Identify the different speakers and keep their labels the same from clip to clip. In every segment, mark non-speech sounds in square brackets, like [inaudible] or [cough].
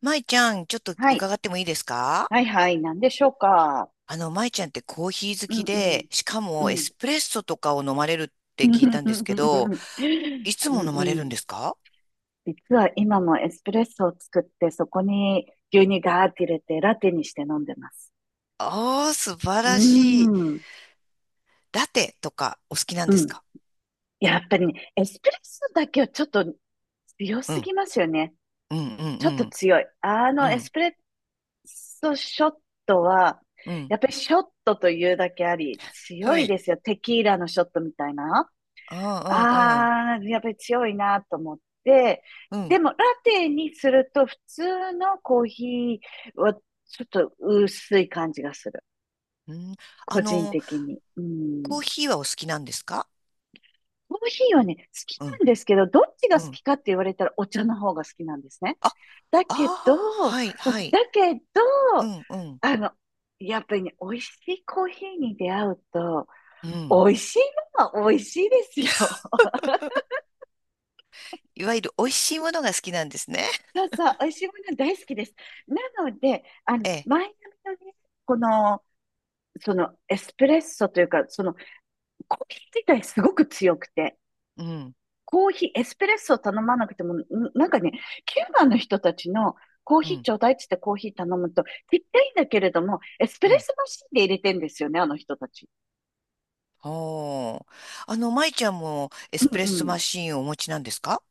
Speaker 1: 舞ちゃん、ちょっと
Speaker 2: はい。
Speaker 1: 伺ってもいいですか？
Speaker 2: はいはい。何でしょうか。
Speaker 1: あの、舞ちゃんってコーヒー好
Speaker 2: う
Speaker 1: き
Speaker 2: んうん。
Speaker 1: で、しか
Speaker 2: う
Speaker 1: もエ
Speaker 2: ん。
Speaker 1: スプレッソとかを飲まれるっ
Speaker 2: [laughs]
Speaker 1: て
Speaker 2: う
Speaker 1: 聞いたんですけど、
Speaker 2: ん
Speaker 1: いつも飲まれる
Speaker 2: う
Speaker 1: ん
Speaker 2: ん。
Speaker 1: ですか？
Speaker 2: 実は今もエスプレッソを作って、そこに牛乳ガーって入れて、ラテにして飲んでます。
Speaker 1: ああー、素晴
Speaker 2: う
Speaker 1: らしい。
Speaker 2: ん。
Speaker 1: ラテとかお好きなん
Speaker 2: う
Speaker 1: です
Speaker 2: ん。
Speaker 1: か？
Speaker 2: やっぱりね、エスプレッソだけはちょっと強
Speaker 1: う
Speaker 2: す
Speaker 1: ん、
Speaker 2: ぎますよね。
Speaker 1: うん、うん、
Speaker 2: ちょ
Speaker 1: う
Speaker 2: っと
Speaker 1: ん、
Speaker 2: 強い。
Speaker 1: う
Speaker 2: エス
Speaker 1: ん、
Speaker 2: プレッソショットは、
Speaker 1: うん。
Speaker 2: やっぱりショットというだけあり、
Speaker 1: は
Speaker 2: 強い
Speaker 1: い。
Speaker 2: ですよ。テキーラのショットみたいな。
Speaker 1: ああ、
Speaker 2: ああ、やっぱり強いなと思って、
Speaker 1: うん、うん、うん。
Speaker 2: でもラテにすると普通のコーヒーはちょっと薄い感じがする。
Speaker 1: うん。あ
Speaker 2: 個人
Speaker 1: の、
Speaker 2: 的に。う
Speaker 1: コー
Speaker 2: ん。
Speaker 1: ヒーはお好きなんですか？
Speaker 2: コーヒーはね、好き
Speaker 1: うん、
Speaker 2: なんですけど、どっち
Speaker 1: う
Speaker 2: が好
Speaker 1: ん。
Speaker 2: きかって言われたらお茶の方が好きなんですね。
Speaker 1: あ、あ
Speaker 2: だ
Speaker 1: あ、
Speaker 2: けど、
Speaker 1: はい、はい。
Speaker 2: だけ
Speaker 1: う
Speaker 2: ど、
Speaker 1: ん、うん、
Speaker 2: あの、やっぱりね、美味しいコーヒーに出会うと、
Speaker 1: うん。
Speaker 2: 美味しいのは美味しいですよ。
Speaker 1: いわゆる美味しいものが好きなんですね。
Speaker 2: そうそう、美味しいもの大好きです。なので、
Speaker 1: ええ。
Speaker 2: マイアミのね、この、そのエスプレッソというか、そのコーヒー自体すごく強くて、
Speaker 1: うん、
Speaker 2: コーヒー、エスプレッソを頼まなくても、なんかね、キューバの人たちのコー
Speaker 1: う
Speaker 2: ヒー
Speaker 1: ん、
Speaker 2: ちょうだいっつってコーヒー頼むと、ちっちゃいんだけれども、エスプ
Speaker 1: う
Speaker 2: レッ
Speaker 1: ん。
Speaker 2: ソマシンで入れてんですよね、あの人たち。
Speaker 1: ほう。あの、舞ちゃんもエス
Speaker 2: う
Speaker 1: プレッソマ
Speaker 2: ん
Speaker 1: シーンをお持ちなんですか？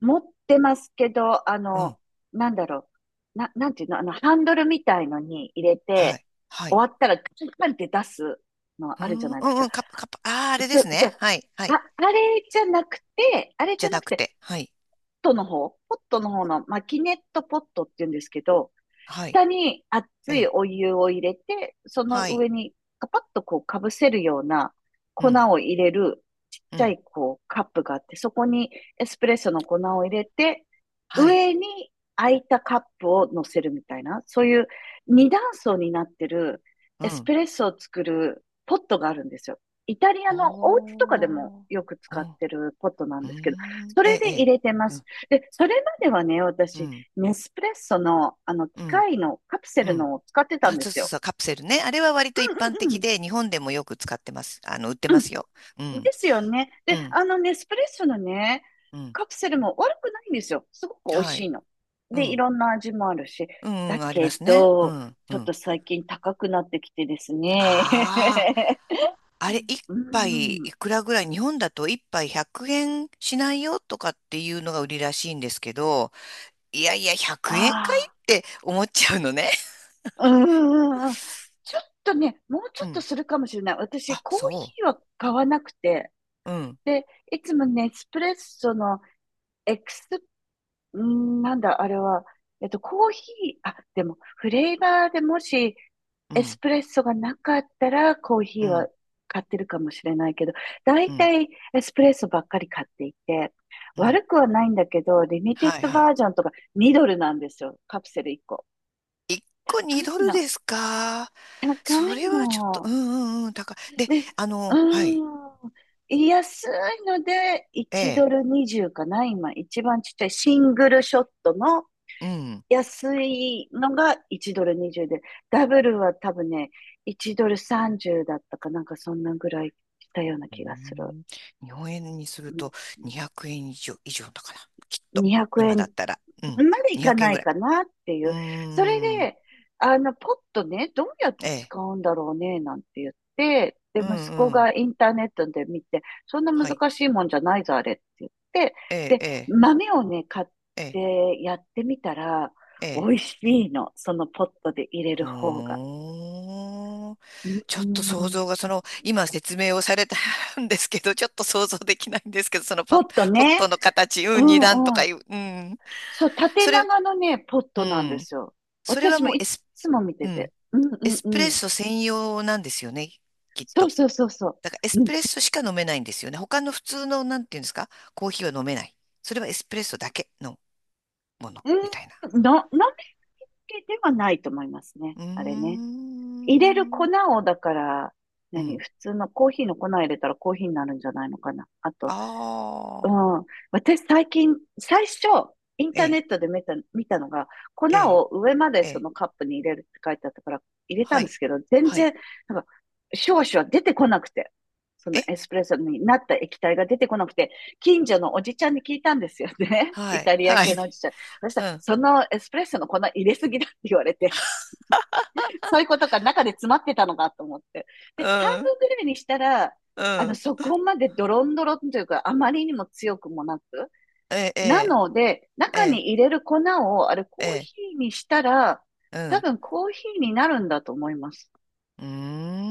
Speaker 2: 持ってますけど、
Speaker 1: うん。
Speaker 2: なんだろう。なんていうの、ハンドルみたいのに入れ
Speaker 1: は
Speaker 2: て、
Speaker 1: い。はい。
Speaker 2: 終わったらカンカンって出すの
Speaker 1: う
Speaker 2: あるじゃ
Speaker 1: ん、う
Speaker 2: ないです
Speaker 1: ん、
Speaker 2: か。
Speaker 1: うん。カップ、カップ。ああ、あれで
Speaker 2: そ、
Speaker 1: す
Speaker 2: そ、
Speaker 1: ね。
Speaker 2: あ、
Speaker 1: はい、はい。
Speaker 2: あれじゃなくて、
Speaker 1: じゃなくて。はい。
Speaker 2: ポットの方のマキネットポットって言うんですけど、
Speaker 1: はい。
Speaker 2: 下に熱
Speaker 1: え
Speaker 2: い
Speaker 1: え。
Speaker 2: お湯を入れて、その
Speaker 1: はい。
Speaker 2: 上にカパッとこうかぶせるような
Speaker 1: う
Speaker 2: 粉
Speaker 1: ん、
Speaker 2: を入れるちっ
Speaker 1: う
Speaker 2: ちゃ
Speaker 1: ん。
Speaker 2: いこうカップがあって、そこにエスプレッソの粉を入れて、
Speaker 1: はい。
Speaker 2: 上に空いたカップを乗せるみたいな、そういう二段層になってる
Speaker 1: う
Speaker 2: エス
Speaker 1: ん。
Speaker 2: プレッソを作るポットがあるんですよ。イタリアのお家とかでも
Speaker 1: おー。
Speaker 2: よく使っ
Speaker 1: お、
Speaker 2: てるポットなん
Speaker 1: う
Speaker 2: ですけど、
Speaker 1: ん。
Speaker 2: そ
Speaker 1: え
Speaker 2: れ
Speaker 1: え、え
Speaker 2: で入
Speaker 1: え。
Speaker 2: れてま
Speaker 1: う
Speaker 2: す。
Speaker 1: ん、
Speaker 2: で、それまではね、
Speaker 1: う
Speaker 2: 私、
Speaker 1: ん、
Speaker 2: ネスプレッソの、
Speaker 1: う
Speaker 2: 機
Speaker 1: ん。
Speaker 2: 械のカプセ
Speaker 1: う
Speaker 2: ル
Speaker 1: ん。
Speaker 2: のを使ってた
Speaker 1: あ、
Speaker 2: んで
Speaker 1: そう
Speaker 2: す
Speaker 1: そう
Speaker 2: よ。
Speaker 1: そう。カプセルね。あれは割と一般
Speaker 2: うんう
Speaker 1: 的
Speaker 2: ん
Speaker 1: で、日本でもよく使ってます。あの、売って
Speaker 2: う
Speaker 1: ま
Speaker 2: ん。
Speaker 1: すよ。う
Speaker 2: うん。で
Speaker 1: ん、
Speaker 2: すよね。
Speaker 1: う
Speaker 2: で、
Speaker 1: ん、
Speaker 2: ネスプレッソのね、
Speaker 1: うん。
Speaker 2: カプセルも悪くないんですよ。すごく美味
Speaker 1: は
Speaker 2: しい
Speaker 1: い。
Speaker 2: の。
Speaker 1: う
Speaker 2: で、い
Speaker 1: ん。
Speaker 2: ろんな味もあるし。
Speaker 1: うん、う
Speaker 2: だ
Speaker 1: ん、ありま
Speaker 2: け
Speaker 1: すね。う
Speaker 2: ど、
Speaker 1: ん、う
Speaker 2: ちょっ
Speaker 1: ん。
Speaker 2: と最近高くなってきてですね。
Speaker 1: ああ、あれ、一
Speaker 2: [laughs] うん
Speaker 1: 杯
Speaker 2: うん。
Speaker 1: いくらぐらい、日本だと一杯100円しないよとかっていうのが売りらしいんですけど、いやいや、100円かい
Speaker 2: あ
Speaker 1: って思っちゃうのね。
Speaker 2: あ。うんうんうん。ちょっとね、もう
Speaker 1: [laughs]
Speaker 2: ちょ
Speaker 1: う
Speaker 2: っと
Speaker 1: ん。
Speaker 2: するかもしれない。私、
Speaker 1: あ、
Speaker 2: コー
Speaker 1: そ
Speaker 2: ヒーは買わなくて、
Speaker 1: う。うん、
Speaker 2: で、いつもネスプレッソのエクス、んーなんだ、あれは、コーヒー、あ、でも、フレーバーでもし、
Speaker 1: う
Speaker 2: エス
Speaker 1: ん、
Speaker 2: プレッソがなかったら、コー
Speaker 1: う
Speaker 2: ヒーは
Speaker 1: ん、
Speaker 2: 買ってるかもしれないけど、だ
Speaker 1: う
Speaker 2: い
Speaker 1: ん、
Speaker 2: たいエスプレッソばっかり買っていて、
Speaker 1: うん。
Speaker 2: 悪くはないんだけど、リミテッ
Speaker 1: はい、
Speaker 2: ド
Speaker 1: は
Speaker 2: バ
Speaker 1: い。
Speaker 2: ージョンとか2ドルなんですよ。カプセル1個。
Speaker 1: 1個
Speaker 2: 高
Speaker 1: 2ド
Speaker 2: い
Speaker 1: ル
Speaker 2: の。
Speaker 1: ですか？
Speaker 2: 高
Speaker 1: そ
Speaker 2: い
Speaker 1: れはちょっと、う
Speaker 2: の。
Speaker 1: ん、うん、うん、高い。で、
Speaker 2: で、
Speaker 1: あ
Speaker 2: う
Speaker 1: の、はい、
Speaker 2: ーん。安いので、
Speaker 1: え
Speaker 2: 1ド
Speaker 1: え、
Speaker 2: ル20かな今、一番ちっちゃいシングルショットの
Speaker 1: うん、
Speaker 2: 安いのが1ドル20で、ダブルは多分ね、1ドル30だったかなんかそんなぐらいしたような
Speaker 1: うー
Speaker 2: 気がする。
Speaker 1: ん、日本円にす
Speaker 2: う
Speaker 1: る
Speaker 2: ん
Speaker 1: と200円以上、以上だから、きっと、
Speaker 2: 2 0
Speaker 1: 今だ
Speaker 2: 円
Speaker 1: ったら。うん、
Speaker 2: そんまでいか
Speaker 1: 200円
Speaker 2: な
Speaker 1: ぐ
Speaker 2: い
Speaker 1: らい。
Speaker 2: かなってい
Speaker 1: うー
Speaker 2: う。それ
Speaker 1: ん、
Speaker 2: で、ポットね、どうやっ
Speaker 1: え
Speaker 2: て
Speaker 1: え、
Speaker 2: 使うんだろうね、なんて言って、で、
Speaker 1: う
Speaker 2: 息子
Speaker 1: ん、うん、
Speaker 2: がインターネットで見て、そんな
Speaker 1: はい、
Speaker 2: 難しいもんじゃないぞ、あれって言って、
Speaker 1: ええ、
Speaker 2: で、
Speaker 1: ええ、
Speaker 2: 豆をね、買っ
Speaker 1: ええ、
Speaker 2: てやってみたら、
Speaker 1: え
Speaker 2: 美
Speaker 1: え。
Speaker 2: 味しいの。そのポットで入れる
Speaker 1: ほ
Speaker 2: 方が。
Speaker 1: ーん。
Speaker 2: う
Speaker 1: ちょっと想
Speaker 2: ん
Speaker 1: 像が、その、今説明をされた [laughs] んですけど、ちょっと想像できないんですけど、そのパ
Speaker 2: ポ
Speaker 1: ッ、
Speaker 2: ット
Speaker 1: ポット
Speaker 2: ね。
Speaker 1: の形、
Speaker 2: う
Speaker 1: うん、二段と
Speaker 2: んう
Speaker 1: か
Speaker 2: ん。
Speaker 1: いう、うん。
Speaker 2: そう、縦
Speaker 1: それ、
Speaker 2: 長のね、ポッ
Speaker 1: う
Speaker 2: トなんで
Speaker 1: ん。
Speaker 2: すよ。
Speaker 1: それは
Speaker 2: 私も
Speaker 1: もう
Speaker 2: い
Speaker 1: エ
Speaker 2: っ
Speaker 1: ス、
Speaker 2: つも見て
Speaker 1: う
Speaker 2: て。
Speaker 1: ん、
Speaker 2: うん
Speaker 1: エ
Speaker 2: うん
Speaker 1: スプレ
Speaker 2: う
Speaker 1: ッ
Speaker 2: ん。
Speaker 1: ソ専用なんですよね、きっ
Speaker 2: そう
Speaker 1: と。
Speaker 2: そうそうそ
Speaker 1: だからエス
Speaker 2: う。う
Speaker 1: プ
Speaker 2: ん。
Speaker 1: レッソしか飲めないんですよね。他の普通の、なんていうんですか、コーヒーは飲めない。それはエスプレッソだけのもの、みたいな。
Speaker 2: うん、のりけではないと思いますね。
Speaker 1: うー
Speaker 2: あれね。入れる粉
Speaker 1: ん。
Speaker 2: を、だから、
Speaker 1: うん。
Speaker 2: 普通のコーヒーの粉入れたらコーヒーになるんじゃないのかな。あとう
Speaker 1: ああ。
Speaker 2: ん、私最初、インタ
Speaker 1: え
Speaker 2: ーネ
Speaker 1: え、
Speaker 2: ットで見たのが、粉
Speaker 1: ええ、
Speaker 2: を上まで
Speaker 1: え
Speaker 2: そ
Speaker 1: え。
Speaker 2: のカップに入れるって書いてあったから、入れた
Speaker 1: は
Speaker 2: んで
Speaker 1: い。
Speaker 2: すけど、全
Speaker 1: はい。
Speaker 2: 然、なんか、少々出てこなくて、その
Speaker 1: え、
Speaker 2: エスプレッソになった液体が出てこなくて、近所のおじちゃんに聞いたんですよね。[laughs]
Speaker 1: は
Speaker 2: イ
Speaker 1: い。
Speaker 2: タリア
Speaker 1: は
Speaker 2: 系
Speaker 1: い。
Speaker 2: のおじちゃん。そした
Speaker 1: う
Speaker 2: ら、
Speaker 1: ん。
Speaker 2: そのエスプレッソの粉入れすぎだって言われて、そういうことか中で詰まってたのかと思って。で、半
Speaker 1: うん。
Speaker 2: 分ぐらいにしたら、
Speaker 1: うん。
Speaker 2: そこまでドロンドロンというか、あまりにも強くもなく、
Speaker 1: ええ、え
Speaker 2: な
Speaker 1: え、
Speaker 2: ので、
Speaker 1: え
Speaker 2: 中
Speaker 1: え、
Speaker 2: に入れる粉を、あれ、
Speaker 1: え
Speaker 2: コーヒ
Speaker 1: え。
Speaker 2: ーにしたら、
Speaker 1: う
Speaker 2: 多
Speaker 1: ん。
Speaker 2: 分コーヒーになるんだと思います。
Speaker 1: う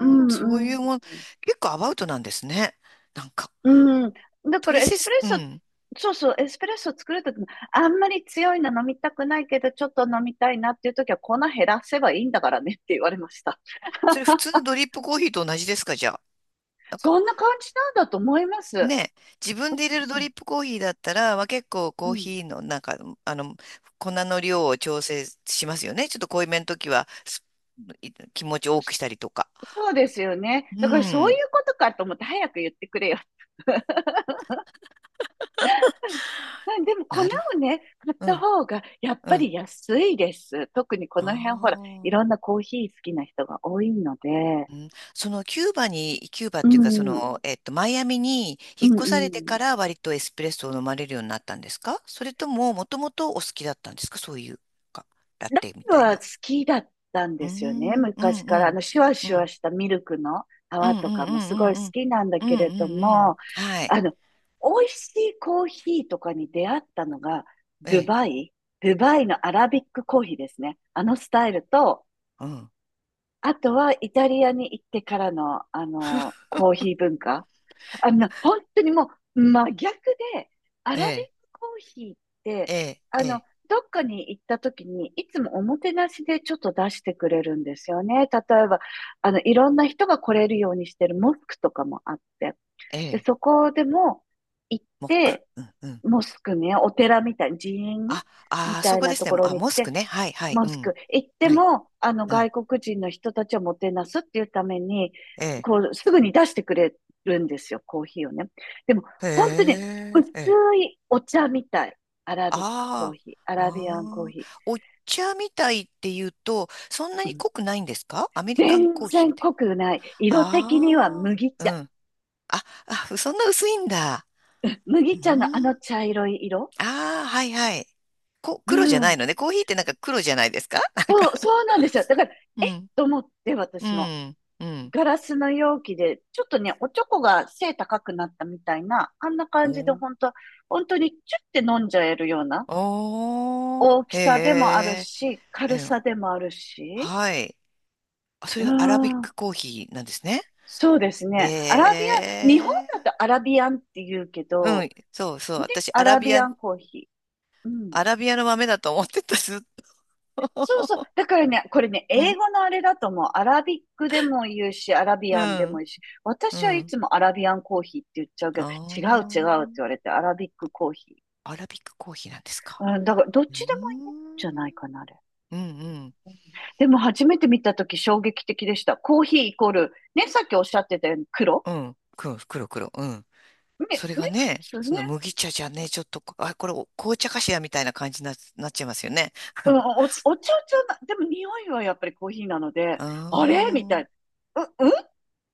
Speaker 2: う
Speaker 1: ん。そ
Speaker 2: んう
Speaker 1: うい
Speaker 2: ん。
Speaker 1: うもん。結構アバウトなんですね。なんか。
Speaker 2: うん。だか
Speaker 1: ト
Speaker 2: ら
Speaker 1: リ
Speaker 2: エ
Speaker 1: セ
Speaker 2: スプ
Speaker 1: ツ、
Speaker 2: レッ
Speaker 1: う
Speaker 2: ソ、
Speaker 1: ん。
Speaker 2: そうそう、エスプレッソ作るときも、あんまり強いの飲みたくないけど、ちょっと飲みたいなっていうときは、粉減らせばいいんだからねって言われました。
Speaker 1: それ普通のドリップコーヒーと同じですか、じゃあ。
Speaker 2: そんな感じなんだと思います。
Speaker 1: ね、自分で入れるド
Speaker 2: うん。
Speaker 1: リップコーヒーだったら、まあ、結構
Speaker 2: う
Speaker 1: コー
Speaker 2: ん。
Speaker 1: ヒーのなんか、あの、粉の量を調整しますよね。ちょっと濃いめの時は、すい気持ち多くし
Speaker 2: そ
Speaker 1: たりとか。
Speaker 2: そうですよ
Speaker 1: う
Speaker 2: ね。だからそうい
Speaker 1: ん。
Speaker 2: うことかと思って、早く言ってくれよまでも粉
Speaker 1: なるほ
Speaker 2: をね、買っ
Speaker 1: ど。う
Speaker 2: た
Speaker 1: ん。
Speaker 2: 方がやっ
Speaker 1: う
Speaker 2: ぱ
Speaker 1: ん。
Speaker 2: り安いです。特にこ
Speaker 1: あ
Speaker 2: の辺ほら、い
Speaker 1: あ。
Speaker 2: ろんなコーヒー好きな人が多いので、
Speaker 1: うん、そのキューバに、キューバっ
Speaker 2: う
Speaker 1: ていうか、そ
Speaker 2: ん、
Speaker 1: の、
Speaker 2: うん、
Speaker 1: えっと、マイアミに
Speaker 2: う
Speaker 1: 引っ越されて
Speaker 2: ん。
Speaker 1: から割とエスプレッソを飲まれるようになったんですか？それとも、もともとお好きだったんですか？そういうか、ラ
Speaker 2: ラ
Speaker 1: テみ
Speaker 2: ム
Speaker 1: たい
Speaker 2: は
Speaker 1: な。
Speaker 2: 好きだったん
Speaker 1: う
Speaker 2: で
Speaker 1: ー
Speaker 2: すよね、
Speaker 1: ん、う
Speaker 2: 昔
Speaker 1: ん、う
Speaker 2: から。
Speaker 1: ん。
Speaker 2: シュワ
Speaker 1: う
Speaker 2: シュワ
Speaker 1: ん
Speaker 2: したミルクの
Speaker 1: う
Speaker 2: 泡
Speaker 1: んう
Speaker 2: とか
Speaker 1: んう
Speaker 2: もすご
Speaker 1: ん
Speaker 2: い
Speaker 1: う
Speaker 2: 好
Speaker 1: んうん。
Speaker 2: きなんだ
Speaker 1: う
Speaker 2: けれ
Speaker 1: ん
Speaker 2: ど
Speaker 1: うんう
Speaker 2: も、
Speaker 1: ん。はい。
Speaker 2: あの、美味しいコーヒーとかに出会ったのが、
Speaker 1: え
Speaker 2: ドゥ
Speaker 1: え。
Speaker 2: バイ、ドゥバイのアラビックコーヒーですね。あのスタイルと、
Speaker 1: うん。
Speaker 2: あとは、イタリアに行ってからの、コーヒー文化。本当にもう、真逆で、ア
Speaker 1: え
Speaker 2: ラビッ
Speaker 1: え。
Speaker 2: クコーヒーっ
Speaker 1: え
Speaker 2: て、
Speaker 1: え。
Speaker 2: あ
Speaker 1: え
Speaker 2: の、
Speaker 1: え。
Speaker 2: どっかに行った時に、いつもおもてなしでちょっと出してくれるんですよね。例えば、いろんな人が来れるようにしてるモスクとかもあって。
Speaker 1: え
Speaker 2: で、
Speaker 1: え。
Speaker 2: そこでも行っ
Speaker 1: モック。
Speaker 2: て、
Speaker 1: うんうん。
Speaker 2: モスクね、お寺みたい、寺院
Speaker 1: あ、
Speaker 2: み
Speaker 1: あー、
Speaker 2: た
Speaker 1: そ
Speaker 2: い
Speaker 1: こ
Speaker 2: な
Speaker 1: で
Speaker 2: と
Speaker 1: す
Speaker 2: こ
Speaker 1: ね。
Speaker 2: ろ
Speaker 1: あ、
Speaker 2: に行っ
Speaker 1: モス
Speaker 2: て、
Speaker 1: クね。はい、はい。
Speaker 2: モ
Speaker 1: う
Speaker 2: ス
Speaker 1: ん。
Speaker 2: ク。行って
Speaker 1: はい。
Speaker 2: も、
Speaker 1: うん。
Speaker 2: 外国人の人たちをもてなすっていうために、
Speaker 1: ええ。
Speaker 2: こう、すぐに出してくれるんですよ、コーヒーをね。でも、
Speaker 1: へ
Speaker 2: 本当にね
Speaker 1: え。
Speaker 2: 薄
Speaker 1: ええ。
Speaker 2: いお茶みたい。アラビックコー
Speaker 1: あ
Speaker 2: ヒー、ア
Speaker 1: あ。
Speaker 2: ラビアンコー
Speaker 1: あ
Speaker 2: ヒ
Speaker 1: あ。
Speaker 2: ー。
Speaker 1: お茶みたいって言うと、そんな
Speaker 2: う
Speaker 1: に
Speaker 2: ん
Speaker 1: 濃くないんですか？アメリカン
Speaker 2: 全
Speaker 1: コーヒー
Speaker 2: 然
Speaker 1: みたい
Speaker 2: 濃くない。
Speaker 1: な。
Speaker 2: 色的には
Speaker 1: あ
Speaker 2: 麦
Speaker 1: あ。う
Speaker 2: 茶。
Speaker 1: ん。あ、あ、そんな薄いんだ。う
Speaker 2: 麦茶のあの
Speaker 1: ん。
Speaker 2: 茶色い色。
Speaker 1: ああ、はいはい。こ、
Speaker 2: う
Speaker 1: 黒じゃない
Speaker 2: ん。
Speaker 1: のね。コーヒーってなんか黒じゃないですか、 [laughs] なんか。
Speaker 2: そう、そうなんですよ。だから、
Speaker 1: う
Speaker 2: えっ
Speaker 1: ん。
Speaker 2: と思って、
Speaker 1: う
Speaker 2: 私も。
Speaker 1: ん。うん。
Speaker 2: ガラスの容器で、ちょっとね、おちょこが背高くなったみたいな、あんな感じで
Speaker 1: お
Speaker 2: 本当、本当にチュッて飲んじゃえるような
Speaker 1: おー。
Speaker 2: 大きさでもあ
Speaker 1: へ
Speaker 2: るし、軽
Speaker 1: え。うん。
Speaker 2: さでもあるし、
Speaker 1: はい。あ、そ
Speaker 2: う
Speaker 1: れ
Speaker 2: ー
Speaker 1: がアラビッ
Speaker 2: ん、
Speaker 1: クコーヒーなんですね。
Speaker 2: そうですね。アラビ
Speaker 1: へ
Speaker 2: アン、日本
Speaker 1: え。
Speaker 2: だとアラビアンって言うけ
Speaker 1: う
Speaker 2: ど、
Speaker 1: ん。そうそう。
Speaker 2: ね、
Speaker 1: 私、
Speaker 2: ア
Speaker 1: アラ
Speaker 2: ラ
Speaker 1: ビ
Speaker 2: ビ
Speaker 1: ア
Speaker 2: ア
Speaker 1: ン、
Speaker 2: ンコーヒー。うん。
Speaker 1: アラビアの豆だと思ってた、ずっと。
Speaker 2: そうそう。
Speaker 1: [laughs]
Speaker 2: だからね、これね、
Speaker 1: う
Speaker 2: 英
Speaker 1: ん。
Speaker 2: 語のあれだともう、アラビックでも言うし、アラビ
Speaker 1: う
Speaker 2: アンでも
Speaker 1: ん。
Speaker 2: いいし、
Speaker 1: う
Speaker 2: 私はい
Speaker 1: ん。
Speaker 2: つもアラビアンコーヒーって言っちゃうけど、
Speaker 1: あ
Speaker 2: 違う違うって言われて、アラビックコーヒ
Speaker 1: あ。アラビックコーヒーなんですか？
Speaker 2: ー。うん、だから、どっ
Speaker 1: うー
Speaker 2: ちでもいいんじゃないか
Speaker 1: ん。
Speaker 2: な、あれ。
Speaker 1: うんうん。
Speaker 2: うんでも、初めて見たとき衝撃的でした。コーヒーイコール、ね、さっきおっしゃってたように黒
Speaker 1: うん。黒、黒、黒。うん。そ
Speaker 2: ね、
Speaker 1: れが
Speaker 2: 普
Speaker 1: ね、
Speaker 2: 通
Speaker 1: その
Speaker 2: ね。
Speaker 1: 麦茶じゃね、ちょっとこ、あ、これお紅茶かしらみたいな感じにな、なっちゃいますよね。
Speaker 2: うん、
Speaker 1: [laughs]
Speaker 2: お茶じゃな、でも匂いはやっぱりコーヒーなので、
Speaker 1: あ
Speaker 2: あれみたい
Speaker 1: あ。
Speaker 2: な。うんっ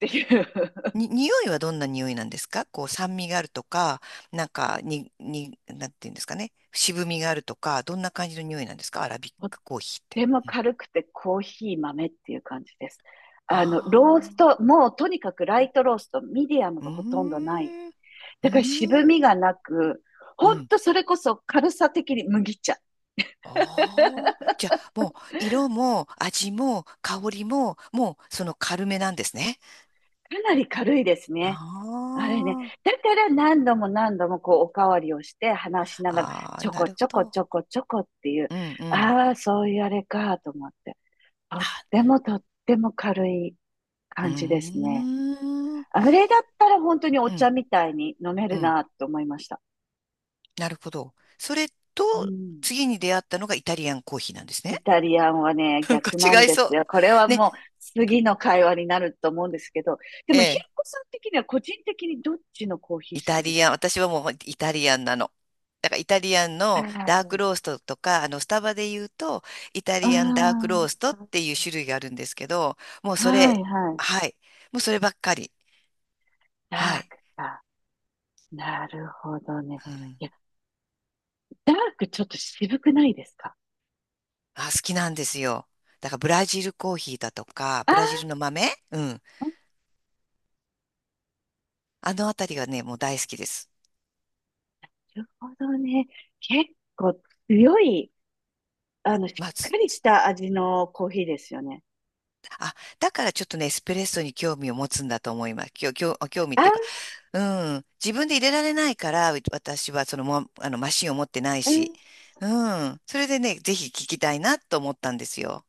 Speaker 2: ていう。
Speaker 1: に、匂いはどんな匂いなんですか？こう酸味があるとか、なんか、に、に、なんていうんですかね。渋みがあるとか、どんな感じの匂いなんですか？アラビッ
Speaker 2: [laughs]
Speaker 1: クコーヒーって。
Speaker 2: でも
Speaker 1: うん、
Speaker 2: 軽くてコーヒー豆っていう感じです。
Speaker 1: あ
Speaker 2: ロースト、もうとにかくラ
Speaker 1: あー。
Speaker 2: イトロースト、ミディアム
Speaker 1: うー
Speaker 2: がほとんどない。
Speaker 1: ん。うー
Speaker 2: だから渋み
Speaker 1: ん。
Speaker 2: がなく、
Speaker 1: う
Speaker 2: ほん
Speaker 1: ん。
Speaker 2: とそれこそ軽さ的に麦茶。か
Speaker 1: ああ。じゃあ、もう、色も味も香りも、もう、その軽めなんですね。
Speaker 2: なり軽いですね。
Speaker 1: あ
Speaker 2: あれね。
Speaker 1: あ。
Speaker 2: だから何度も何度もこうおかわりをして話しながら、
Speaker 1: ああ、
Speaker 2: ちょ
Speaker 1: な
Speaker 2: こ
Speaker 1: る
Speaker 2: ち
Speaker 1: ほ
Speaker 2: ょこ
Speaker 1: ど。
Speaker 2: ちょこちょこっていう、
Speaker 1: うんうん。
Speaker 2: ああ、そういうあれかと思って。とっ
Speaker 1: あ、
Speaker 2: てもとっても軽い
Speaker 1: うー
Speaker 2: 感じですね。
Speaker 1: ん。う
Speaker 2: あれだったら本当にお
Speaker 1: ん
Speaker 2: 茶みたいに飲め
Speaker 1: う
Speaker 2: る
Speaker 1: ん。
Speaker 2: なと思いました。
Speaker 1: なるほど。それ
Speaker 2: う
Speaker 1: と、
Speaker 2: ん。
Speaker 1: 次に出会ったのがイタリアンコーヒーなんですね。
Speaker 2: イタリアンはね、
Speaker 1: [laughs] なんか
Speaker 2: 逆なん
Speaker 1: 違い
Speaker 2: で
Speaker 1: そ
Speaker 2: す
Speaker 1: う。
Speaker 2: よ。これは
Speaker 1: ね、
Speaker 2: もう次の会話になると思うんですけど、で
Speaker 1: え
Speaker 2: もひろ
Speaker 1: え。
Speaker 2: こさん的には個人的にどっちのコーヒー
Speaker 1: イ
Speaker 2: 好
Speaker 1: タ
Speaker 2: きで
Speaker 1: リア
Speaker 2: す
Speaker 1: ン、私はもうまイタリアンなの。だからイタリアンのダーク
Speaker 2: か？
Speaker 1: ローストとか、あの、スタバで言うと、イタリアンダーク
Speaker 2: あ
Speaker 1: ローストっていう種類があるんですけど、もう
Speaker 2: あー、
Speaker 1: そ
Speaker 2: は
Speaker 1: れ、
Speaker 2: いはい。
Speaker 1: はい。もうそればっかり。は
Speaker 2: ダー
Speaker 1: い。
Speaker 2: クか。なるほどね。
Speaker 1: うん、
Speaker 2: いや、ダークちょっと渋くないですか？
Speaker 1: あ、好きなんですよ。だからブラジルコーヒーだとか、
Speaker 2: あ
Speaker 1: ブラジル
Speaker 2: あ
Speaker 1: の豆、うん。あのあたりがね、もう大好きです。
Speaker 2: なるほどね。結構強い、しっ
Speaker 1: まあ、
Speaker 2: か
Speaker 1: つ
Speaker 2: りした味のコーヒーですよね。
Speaker 1: あ、だからちょっとね、エスプレッソに興味を持つんだと思います。きょ、きょ、興味っていうか、
Speaker 2: あ、
Speaker 1: うん。自分で入れられないから、う私はそのも、あの、マシンを持ってない
Speaker 2: う
Speaker 1: し。
Speaker 2: ん、
Speaker 1: うん。それでね、ぜひ聞きたいなと思ったんですよ。